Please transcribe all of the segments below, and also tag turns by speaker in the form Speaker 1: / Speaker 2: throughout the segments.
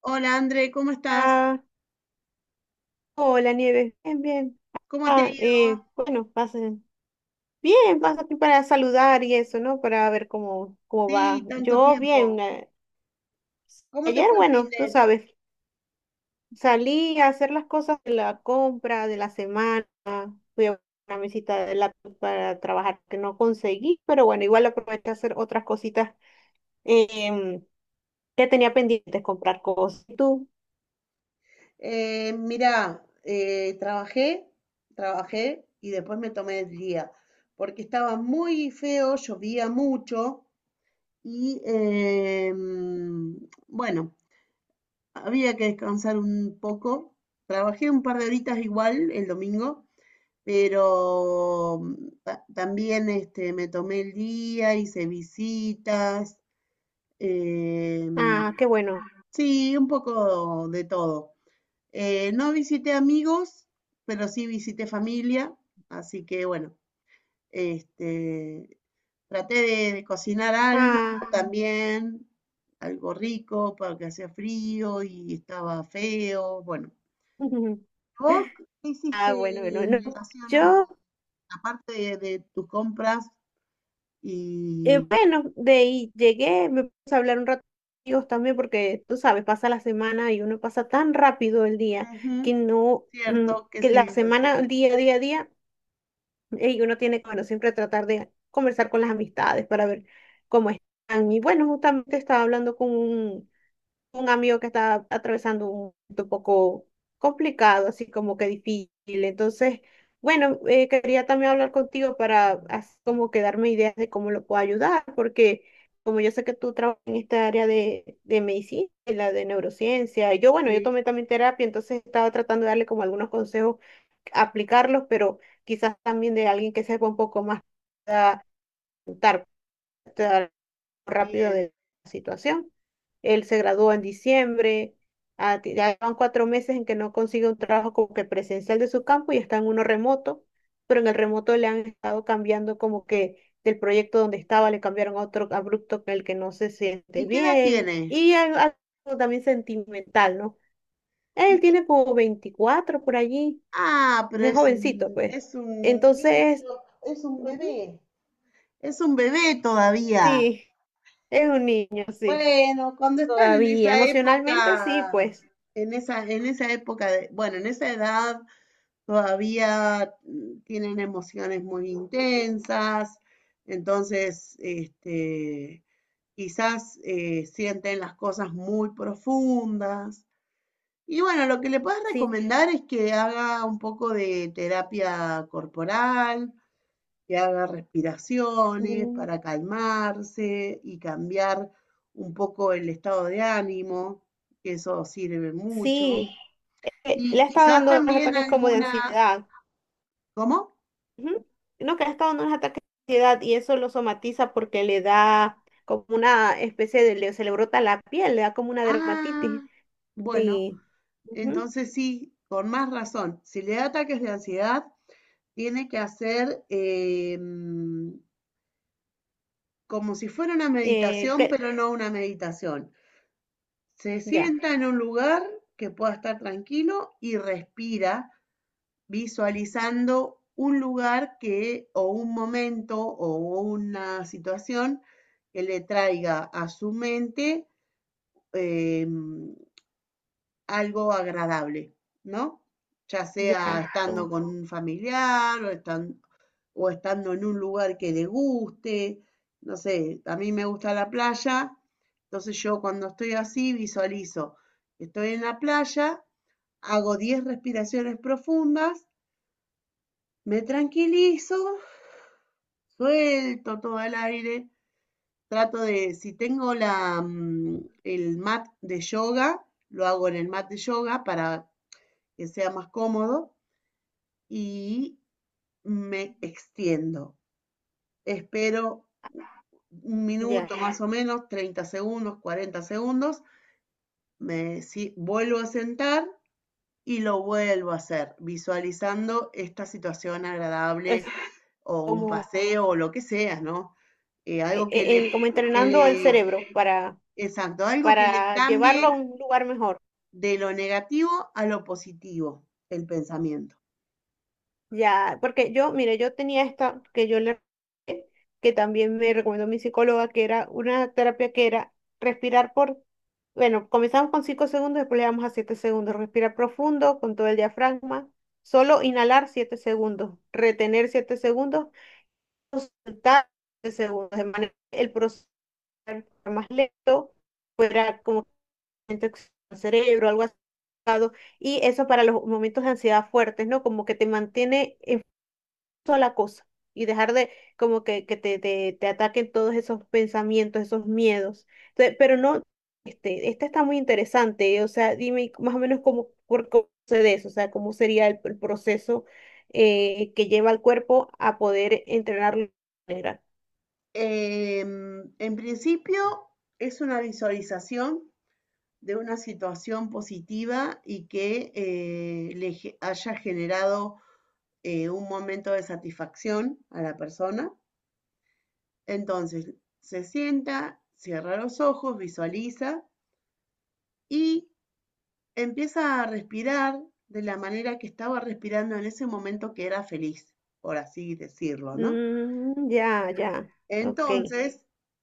Speaker 1: Hola André, ¿cómo estás?
Speaker 2: Ah, hola Nieves, bien, bien.
Speaker 1: ¿Cómo te ha
Speaker 2: Ah,
Speaker 1: ido?
Speaker 2: bueno, pasen. Bien, pasa aquí para saludar y eso, ¿no? Para ver cómo va.
Speaker 1: Sí, tanto
Speaker 2: Yo bien.
Speaker 1: tiempo. ¿Cómo te
Speaker 2: Ayer,
Speaker 1: fue el fin
Speaker 2: bueno, tú
Speaker 1: de?
Speaker 2: sabes, salí a hacer las cosas de la compra de la semana. Fui a una mesita de laptop para trabajar que no conseguí, pero bueno, igual aproveché a hacer otras cositas em, que tenía pendientes, comprar cosas. ¿Y tú?
Speaker 1: Eh, mirá, eh, trabajé, trabajé y después me tomé el día, porque estaba muy feo, llovía mucho y bueno, había que descansar un poco. Trabajé un par de horitas igual el domingo, pero también este, me tomé el día, hice visitas. Eh,
Speaker 2: Ah, qué bueno.
Speaker 1: sí, un poco de todo. No visité amigos, pero sí visité familia, así que bueno, este, traté de cocinar algo
Speaker 2: Ah,
Speaker 1: también, algo rico, porque hacía frío y estaba feo, bueno. ¿Vos qué
Speaker 2: ah, bueno,
Speaker 1: hiciste
Speaker 2: bueno,
Speaker 1: en
Speaker 2: no.
Speaker 1: relación
Speaker 2: Yo
Speaker 1: a la parte de tus compras y...
Speaker 2: Bueno, de ahí llegué, me puse a hablar un rato con ellos también porque tú sabes, pasa la semana y uno pasa tan rápido el día
Speaker 1: Ujú,
Speaker 2: que no,
Speaker 1: cierto que
Speaker 2: que la
Speaker 1: sí, es así.
Speaker 2: semana, el día, día, día, y uno tiene que, bueno, siempre tratar de conversar con las amistades para ver cómo están. Y bueno, justamente estaba hablando con un amigo que está atravesando un momento un poco complicado, así como que difícil. Entonces, bueno, quería también hablar contigo para así como que darme ideas de cómo lo puedo ayudar, porque como yo sé que tú trabajas en esta área de medicina, en la de neurociencia, y yo, bueno, yo
Speaker 1: Sí,
Speaker 2: tomé también terapia, entonces estaba tratando de darle como algunos consejos, aplicarlos, pero quizás también de alguien que sepa un poco más rápido
Speaker 1: bien.
Speaker 2: de la situación. Él se graduó en diciembre, ah, ya van 4 meses en que no consigue un trabajo como que presencial de su campo y está en uno remoto, pero en el remoto le han estado cambiando como que del proyecto donde estaba le cambiaron a otro abrupto con el que no se siente
Speaker 1: ¿Y qué edad
Speaker 2: bien
Speaker 1: tiene?
Speaker 2: y algo también sentimental, ¿no?
Speaker 1: Y
Speaker 2: Él
Speaker 1: que,
Speaker 2: tiene como 24 por allí,
Speaker 1: ah, pero
Speaker 2: es
Speaker 1: es
Speaker 2: jovencito, pues.
Speaker 1: es un
Speaker 2: Entonces,
Speaker 1: niño, es un
Speaker 2: ujú,
Speaker 1: bebé, es un bebé todavía.
Speaker 2: sí, es un niño, sí.
Speaker 1: Bueno, cuando están en
Speaker 2: Todavía,
Speaker 1: esa
Speaker 2: emocionalmente sí,
Speaker 1: época,
Speaker 2: pues.
Speaker 1: en esa época de, bueno, en esa edad todavía tienen emociones muy intensas, entonces, este, quizás sienten las cosas muy profundas. Y bueno, lo que le puedes
Speaker 2: Sí.
Speaker 1: recomendar es que haga un poco de terapia corporal, que haga respiraciones
Speaker 2: Mm.
Speaker 1: para calmarse y cambiar un poco el estado de ánimo, que eso sirve mucho.
Speaker 2: Sí. Le
Speaker 1: Y
Speaker 2: ha estado
Speaker 1: quizás
Speaker 2: dando unos
Speaker 1: también
Speaker 2: ataques como de
Speaker 1: alguna,
Speaker 2: ansiedad.
Speaker 1: ¿cómo?
Speaker 2: Ujú. No, que le ha estado dando unos ataques de ansiedad y eso lo somatiza porque le da como una especie de, se le brota la piel, le da como una dermatitis.
Speaker 1: Ah, bueno,
Speaker 2: Sí. Ujú.
Speaker 1: entonces sí, con más razón. Si le da ataques de ansiedad, tiene que hacer como si fuera una
Speaker 2: Eh,
Speaker 1: meditación,
Speaker 2: que-
Speaker 1: pero no una meditación. Se
Speaker 2: ya,
Speaker 1: sienta en un lugar que pueda estar tranquilo y respira visualizando un lugar que o un momento o una situación que le traiga a su mente eh, algo agradable, ¿no? Ya sea
Speaker 2: ya,
Speaker 1: estando con un familiar o estando en un lugar que le guste. No sé, a mí me gusta la playa, entonces yo cuando estoy así visualizo, estoy en la playa, hago 10 respiraciones profundas, me tranquilizo, suelto todo el aire, trato de, si tengo la, el mat de yoga, lo hago en el mat de yoga para que sea más cómodo y me extiendo. Espero un
Speaker 2: ya.
Speaker 1: minuto más o menos, 30 segundos, 40 segundos, me si- vuelvo a sentar y lo vuelvo a hacer, visualizando esta situación agradable
Speaker 2: Es
Speaker 1: o un
Speaker 2: como,
Speaker 1: paseo o lo que sea, ¿no? Algo
Speaker 2: como
Speaker 1: que
Speaker 2: entrenando el
Speaker 1: le,
Speaker 2: cerebro
Speaker 1: Exacto, algo que le
Speaker 2: para llevarlo
Speaker 1: cambie
Speaker 2: a un lugar mejor.
Speaker 1: de lo negativo a lo positivo, el pensamiento.
Speaker 2: Ya, porque yo, mire, yo tenía esta que yo le, que también me recomendó mi psicóloga, que era una terapia que era respirar por, bueno, comenzamos con 5 segundos, después le damos a 7 segundos, respirar profundo con todo el diafragma, solo inhalar 7 segundos, retener 7 segundos, soltar 7 segundos, de manera que el proceso fuera más lento, fuera como que el cerebro, algo así. Y eso para los momentos de ansiedad fuertes, ¿no? Como que te mantiene sola cosa y dejar de como que te ataquen todos esos pensamientos, esos miedos. Entonces, pero no, este, esta está muy interesante, o sea, dime más o menos cómo, por cómo sucede eso, o sea, cómo sería el proceso que lleva al cuerpo a poder entrenarlo de manera.
Speaker 1: En principio es una visualización de una situación positiva y que le haya generado un momento de satisfacción a la persona. Entonces se sienta, cierra los ojos, visualiza y empieza a respirar de la manera que estaba respirando en ese momento que era feliz, por así decirlo, ¿no?
Speaker 2: Mm, ya, ya, ok.
Speaker 1: Entonces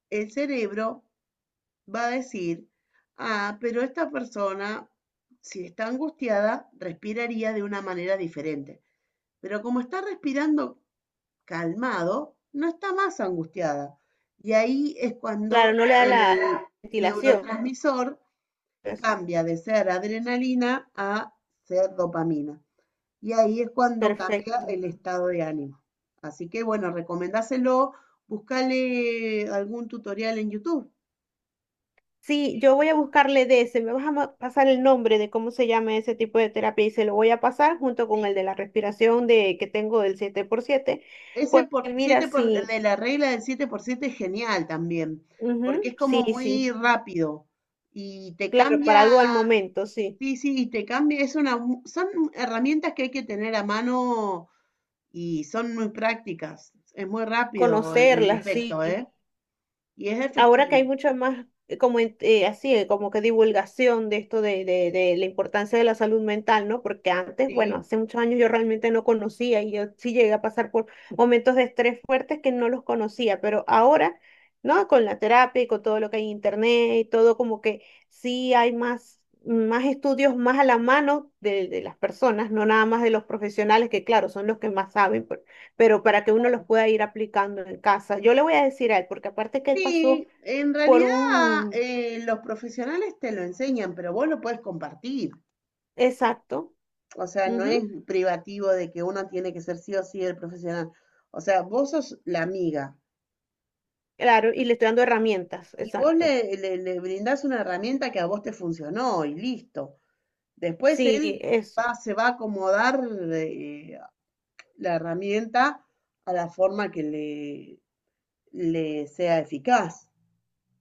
Speaker 1: el cerebro va a decir, ah, pero esta persona, si está angustiada, respiraría de una manera diferente. Pero como está respirando calmado, no está más angustiada. Y ahí es cuando
Speaker 2: Claro, no le da
Speaker 1: el
Speaker 2: la ventilación.
Speaker 1: neurotransmisor
Speaker 2: Pues,
Speaker 1: cambia de ser adrenalina a ser dopamina. Y ahí es cuando cambia
Speaker 2: perfecto.
Speaker 1: el estado de ánimo. Así que bueno, recomendáselo, búscale algún tutorial en YouTube.
Speaker 2: Sí, yo voy a buscarle de ese, me vas a pasar el nombre de cómo se llama ese tipo de terapia y se lo voy a pasar junto con
Speaker 1: Sí,
Speaker 2: el de la respiración de que tengo del 7 por 7.
Speaker 1: ese
Speaker 2: Porque
Speaker 1: por,
Speaker 2: mira,
Speaker 1: 7 por,
Speaker 2: sí,
Speaker 1: de la regla del 7 por 7 es genial también, porque
Speaker 2: ujú,
Speaker 1: es
Speaker 2: sí,
Speaker 1: como
Speaker 2: sí,
Speaker 1: muy rápido y te
Speaker 2: claro,
Speaker 1: cambia.
Speaker 2: para algo al momento, sí,
Speaker 1: Sí, sí, y te cambia, es una, son herramientas que hay que tener a mano y son muy prácticas. Es muy rápido el
Speaker 2: conocerla, sí,
Speaker 1: efecto, ¿eh? Y es
Speaker 2: ahora que hay
Speaker 1: efectivo,
Speaker 2: mucha más, como así, como que divulgación de esto de la importancia de la salud mental, ¿no? Porque antes, bueno,
Speaker 1: ¿sí?
Speaker 2: hace muchos años yo realmente no conocía y yo sí llegué a pasar por momentos de estrés fuertes que no los conocía, pero ahora, ¿no? Con la terapia y con todo lo que hay en internet y todo, como que sí hay más, más estudios más a la mano de las personas, no nada más de los profesionales, que claro, son los que más saben, pero para que uno los pueda ir aplicando en casa. Yo le voy a decir a él, porque aparte que él pasó
Speaker 1: Sí, en
Speaker 2: por
Speaker 1: realidad
Speaker 2: un,
Speaker 1: los profesionales te lo enseñan, pero vos lo puedes compartir.
Speaker 2: exacto,
Speaker 1: O sea, no es
Speaker 2: ujú,
Speaker 1: privativo de que uno tiene que ser sí o sí el profesional. O sea, vos sos la amiga
Speaker 2: claro, y le estoy dando herramientas,
Speaker 1: y vos
Speaker 2: exacto.
Speaker 1: le brindás una herramienta que a vos te funcionó y listo. Después
Speaker 2: Sí,
Speaker 1: él
Speaker 2: eso,
Speaker 1: se va a acomodar eh, la herramienta a la forma que le sea eficaz.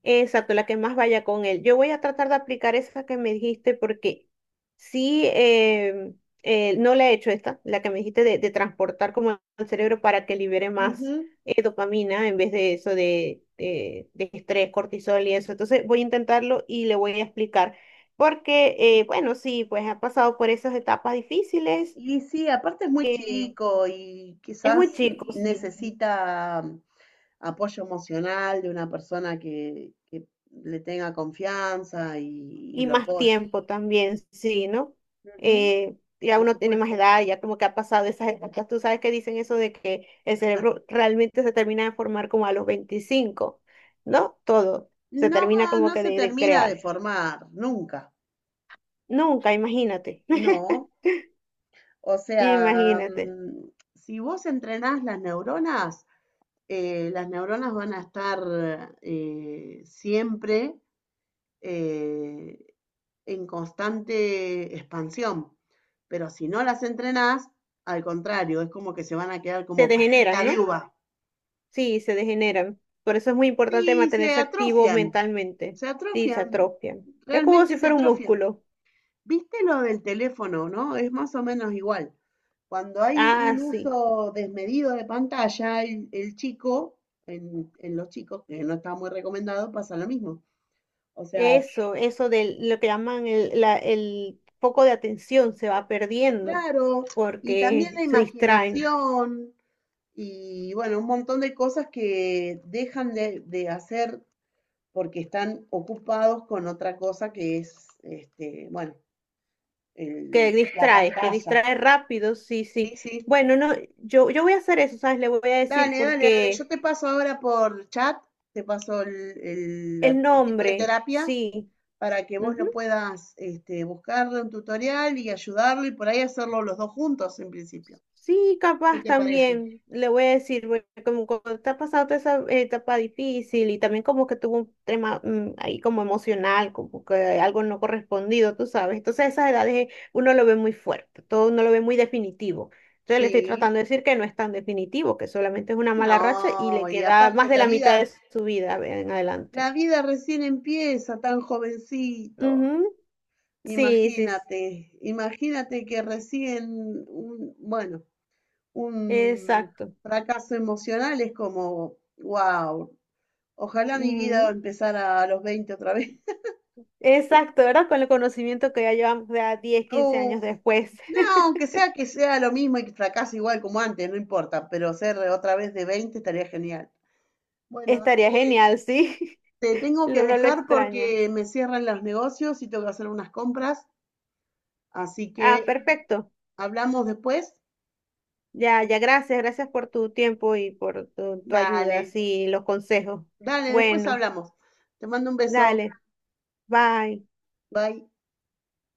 Speaker 2: exacto, la que más vaya con él. Yo voy a tratar de aplicar esa que me dijiste porque sí, no la he hecho esta, la que me dijiste de transportar como al cerebro para que libere
Speaker 1: Ujú.
Speaker 2: más dopamina en vez de eso de estrés, cortisol y eso. Entonces voy a intentarlo y le voy a explicar porque, bueno, sí, pues ha pasado por esas etapas difíciles
Speaker 1: Y sí, aparte es muy
Speaker 2: que
Speaker 1: chico y
Speaker 2: es muy
Speaker 1: quizás
Speaker 2: chico, sí.
Speaker 1: necesita apoyo emocional de una persona que le tenga confianza y
Speaker 2: Y
Speaker 1: lo
Speaker 2: más
Speaker 1: apoye.
Speaker 2: tiempo también, sí, ¿no?
Speaker 1: Ujú,
Speaker 2: Ya
Speaker 1: por
Speaker 2: uno tiene más
Speaker 1: supuesto.
Speaker 2: edad, ya como que ha pasado esas etapas. Tú sabes que dicen eso de que el cerebro realmente se termina de formar como a los 25, ¿no? Todo. Se
Speaker 1: No,
Speaker 2: termina como
Speaker 1: no
Speaker 2: que
Speaker 1: se
Speaker 2: de
Speaker 1: termina
Speaker 2: crear.
Speaker 1: de formar, nunca.
Speaker 2: Nunca, imagínate.
Speaker 1: No. O sea,
Speaker 2: Imagínate.
Speaker 1: si vos entrenás las neuronas van a estar siempre eh, en constante expansión. Pero si no las entrenás, al contrario, es como que se van a quedar
Speaker 2: Se
Speaker 1: como
Speaker 2: degeneran,
Speaker 1: pasita de
Speaker 2: ¿no?
Speaker 1: uva.
Speaker 2: Sí, se degeneran. Por eso es muy importante
Speaker 1: Sí, se
Speaker 2: mantenerse activo
Speaker 1: atrofian,
Speaker 2: mentalmente.
Speaker 1: se
Speaker 2: Sí, se
Speaker 1: atrofian,
Speaker 2: atrofian. Es como
Speaker 1: realmente
Speaker 2: si
Speaker 1: se
Speaker 2: fuera un
Speaker 1: atrofian.
Speaker 2: músculo.
Speaker 1: ¿Viste lo del teléfono, no? Es más o menos igual. Cuando hay
Speaker 2: Ah,
Speaker 1: un
Speaker 2: sí.
Speaker 1: uso desmedido de pantalla, el chico, en los chicos, que no está muy recomendado, pasa lo mismo. O sea,
Speaker 2: Eso de lo que llaman el foco de atención se va perdiendo
Speaker 1: claro, y también
Speaker 2: porque
Speaker 1: la
Speaker 2: se distraen.
Speaker 1: imaginación y bueno, un montón de cosas que dejan de hacer porque están ocupados con otra cosa que es, este, bueno, la
Speaker 2: Que
Speaker 1: pantalla.
Speaker 2: distrae rápido, sí, sí.
Speaker 1: Sí, sí.
Speaker 2: Bueno, no, yo voy a hacer eso, ¿sabes? Le voy a decir
Speaker 1: Dale, dale, dale. Yo
Speaker 2: porque
Speaker 1: te paso ahora por chat, te paso
Speaker 2: el
Speaker 1: el tipo de
Speaker 2: nombre,
Speaker 1: terapia
Speaker 2: sí.
Speaker 1: para que vos
Speaker 2: Ujú.
Speaker 1: lo puedas este, buscarle un tutorial y ayudarlo y por ahí hacerlo los dos juntos en principio.
Speaker 2: Sí,
Speaker 1: ¿Qué
Speaker 2: capaz
Speaker 1: te parece?
Speaker 2: también, le voy a decir, güey, como cuando está pasando toda esa etapa difícil y también como que tuvo un tema ahí como emocional, como que algo no correspondido, tú sabes. Entonces a esas edades uno lo ve muy fuerte, todo uno lo ve muy definitivo. Entonces le estoy
Speaker 1: Sí,
Speaker 2: tratando de decir que no es tan definitivo, que solamente es una mala racha y
Speaker 1: no,
Speaker 2: le
Speaker 1: y
Speaker 2: queda
Speaker 1: aparte
Speaker 2: más de la mitad de su vida en adelante.
Speaker 1: la vida recién empieza tan jovencito.
Speaker 2: Ujú. Sí, sí, sí,
Speaker 1: Imagínate, imagínate que recién un, bueno, un
Speaker 2: exacto.
Speaker 1: fracaso emocional es como, wow, ojalá mi vida empezara a los 20 otra vez.
Speaker 2: Exacto, ¿verdad? Con el conocimiento que ya llevamos ya diez, quince
Speaker 1: Oh,
Speaker 2: años después.
Speaker 1: no, aunque sea que sea lo mismo y que fracase igual como antes, no importa, pero ser otra vez de 20 estaría genial. Bueno,
Speaker 2: Estaría
Speaker 1: André,
Speaker 2: genial, sí.
Speaker 1: te tengo que
Speaker 2: No lo
Speaker 1: dejar
Speaker 2: extraña.
Speaker 1: porque me cierran los negocios y tengo que hacer unas compras, así
Speaker 2: Ah,
Speaker 1: que
Speaker 2: perfecto.
Speaker 1: hablamos después.
Speaker 2: Ya, ya, gracias, gracias por tu tiempo y por tu
Speaker 1: Dale,
Speaker 2: ayuda, sí, los consejos.
Speaker 1: dale, después
Speaker 2: Bueno,
Speaker 1: hablamos. Te mando un beso.
Speaker 2: dale, bye.
Speaker 1: Bye.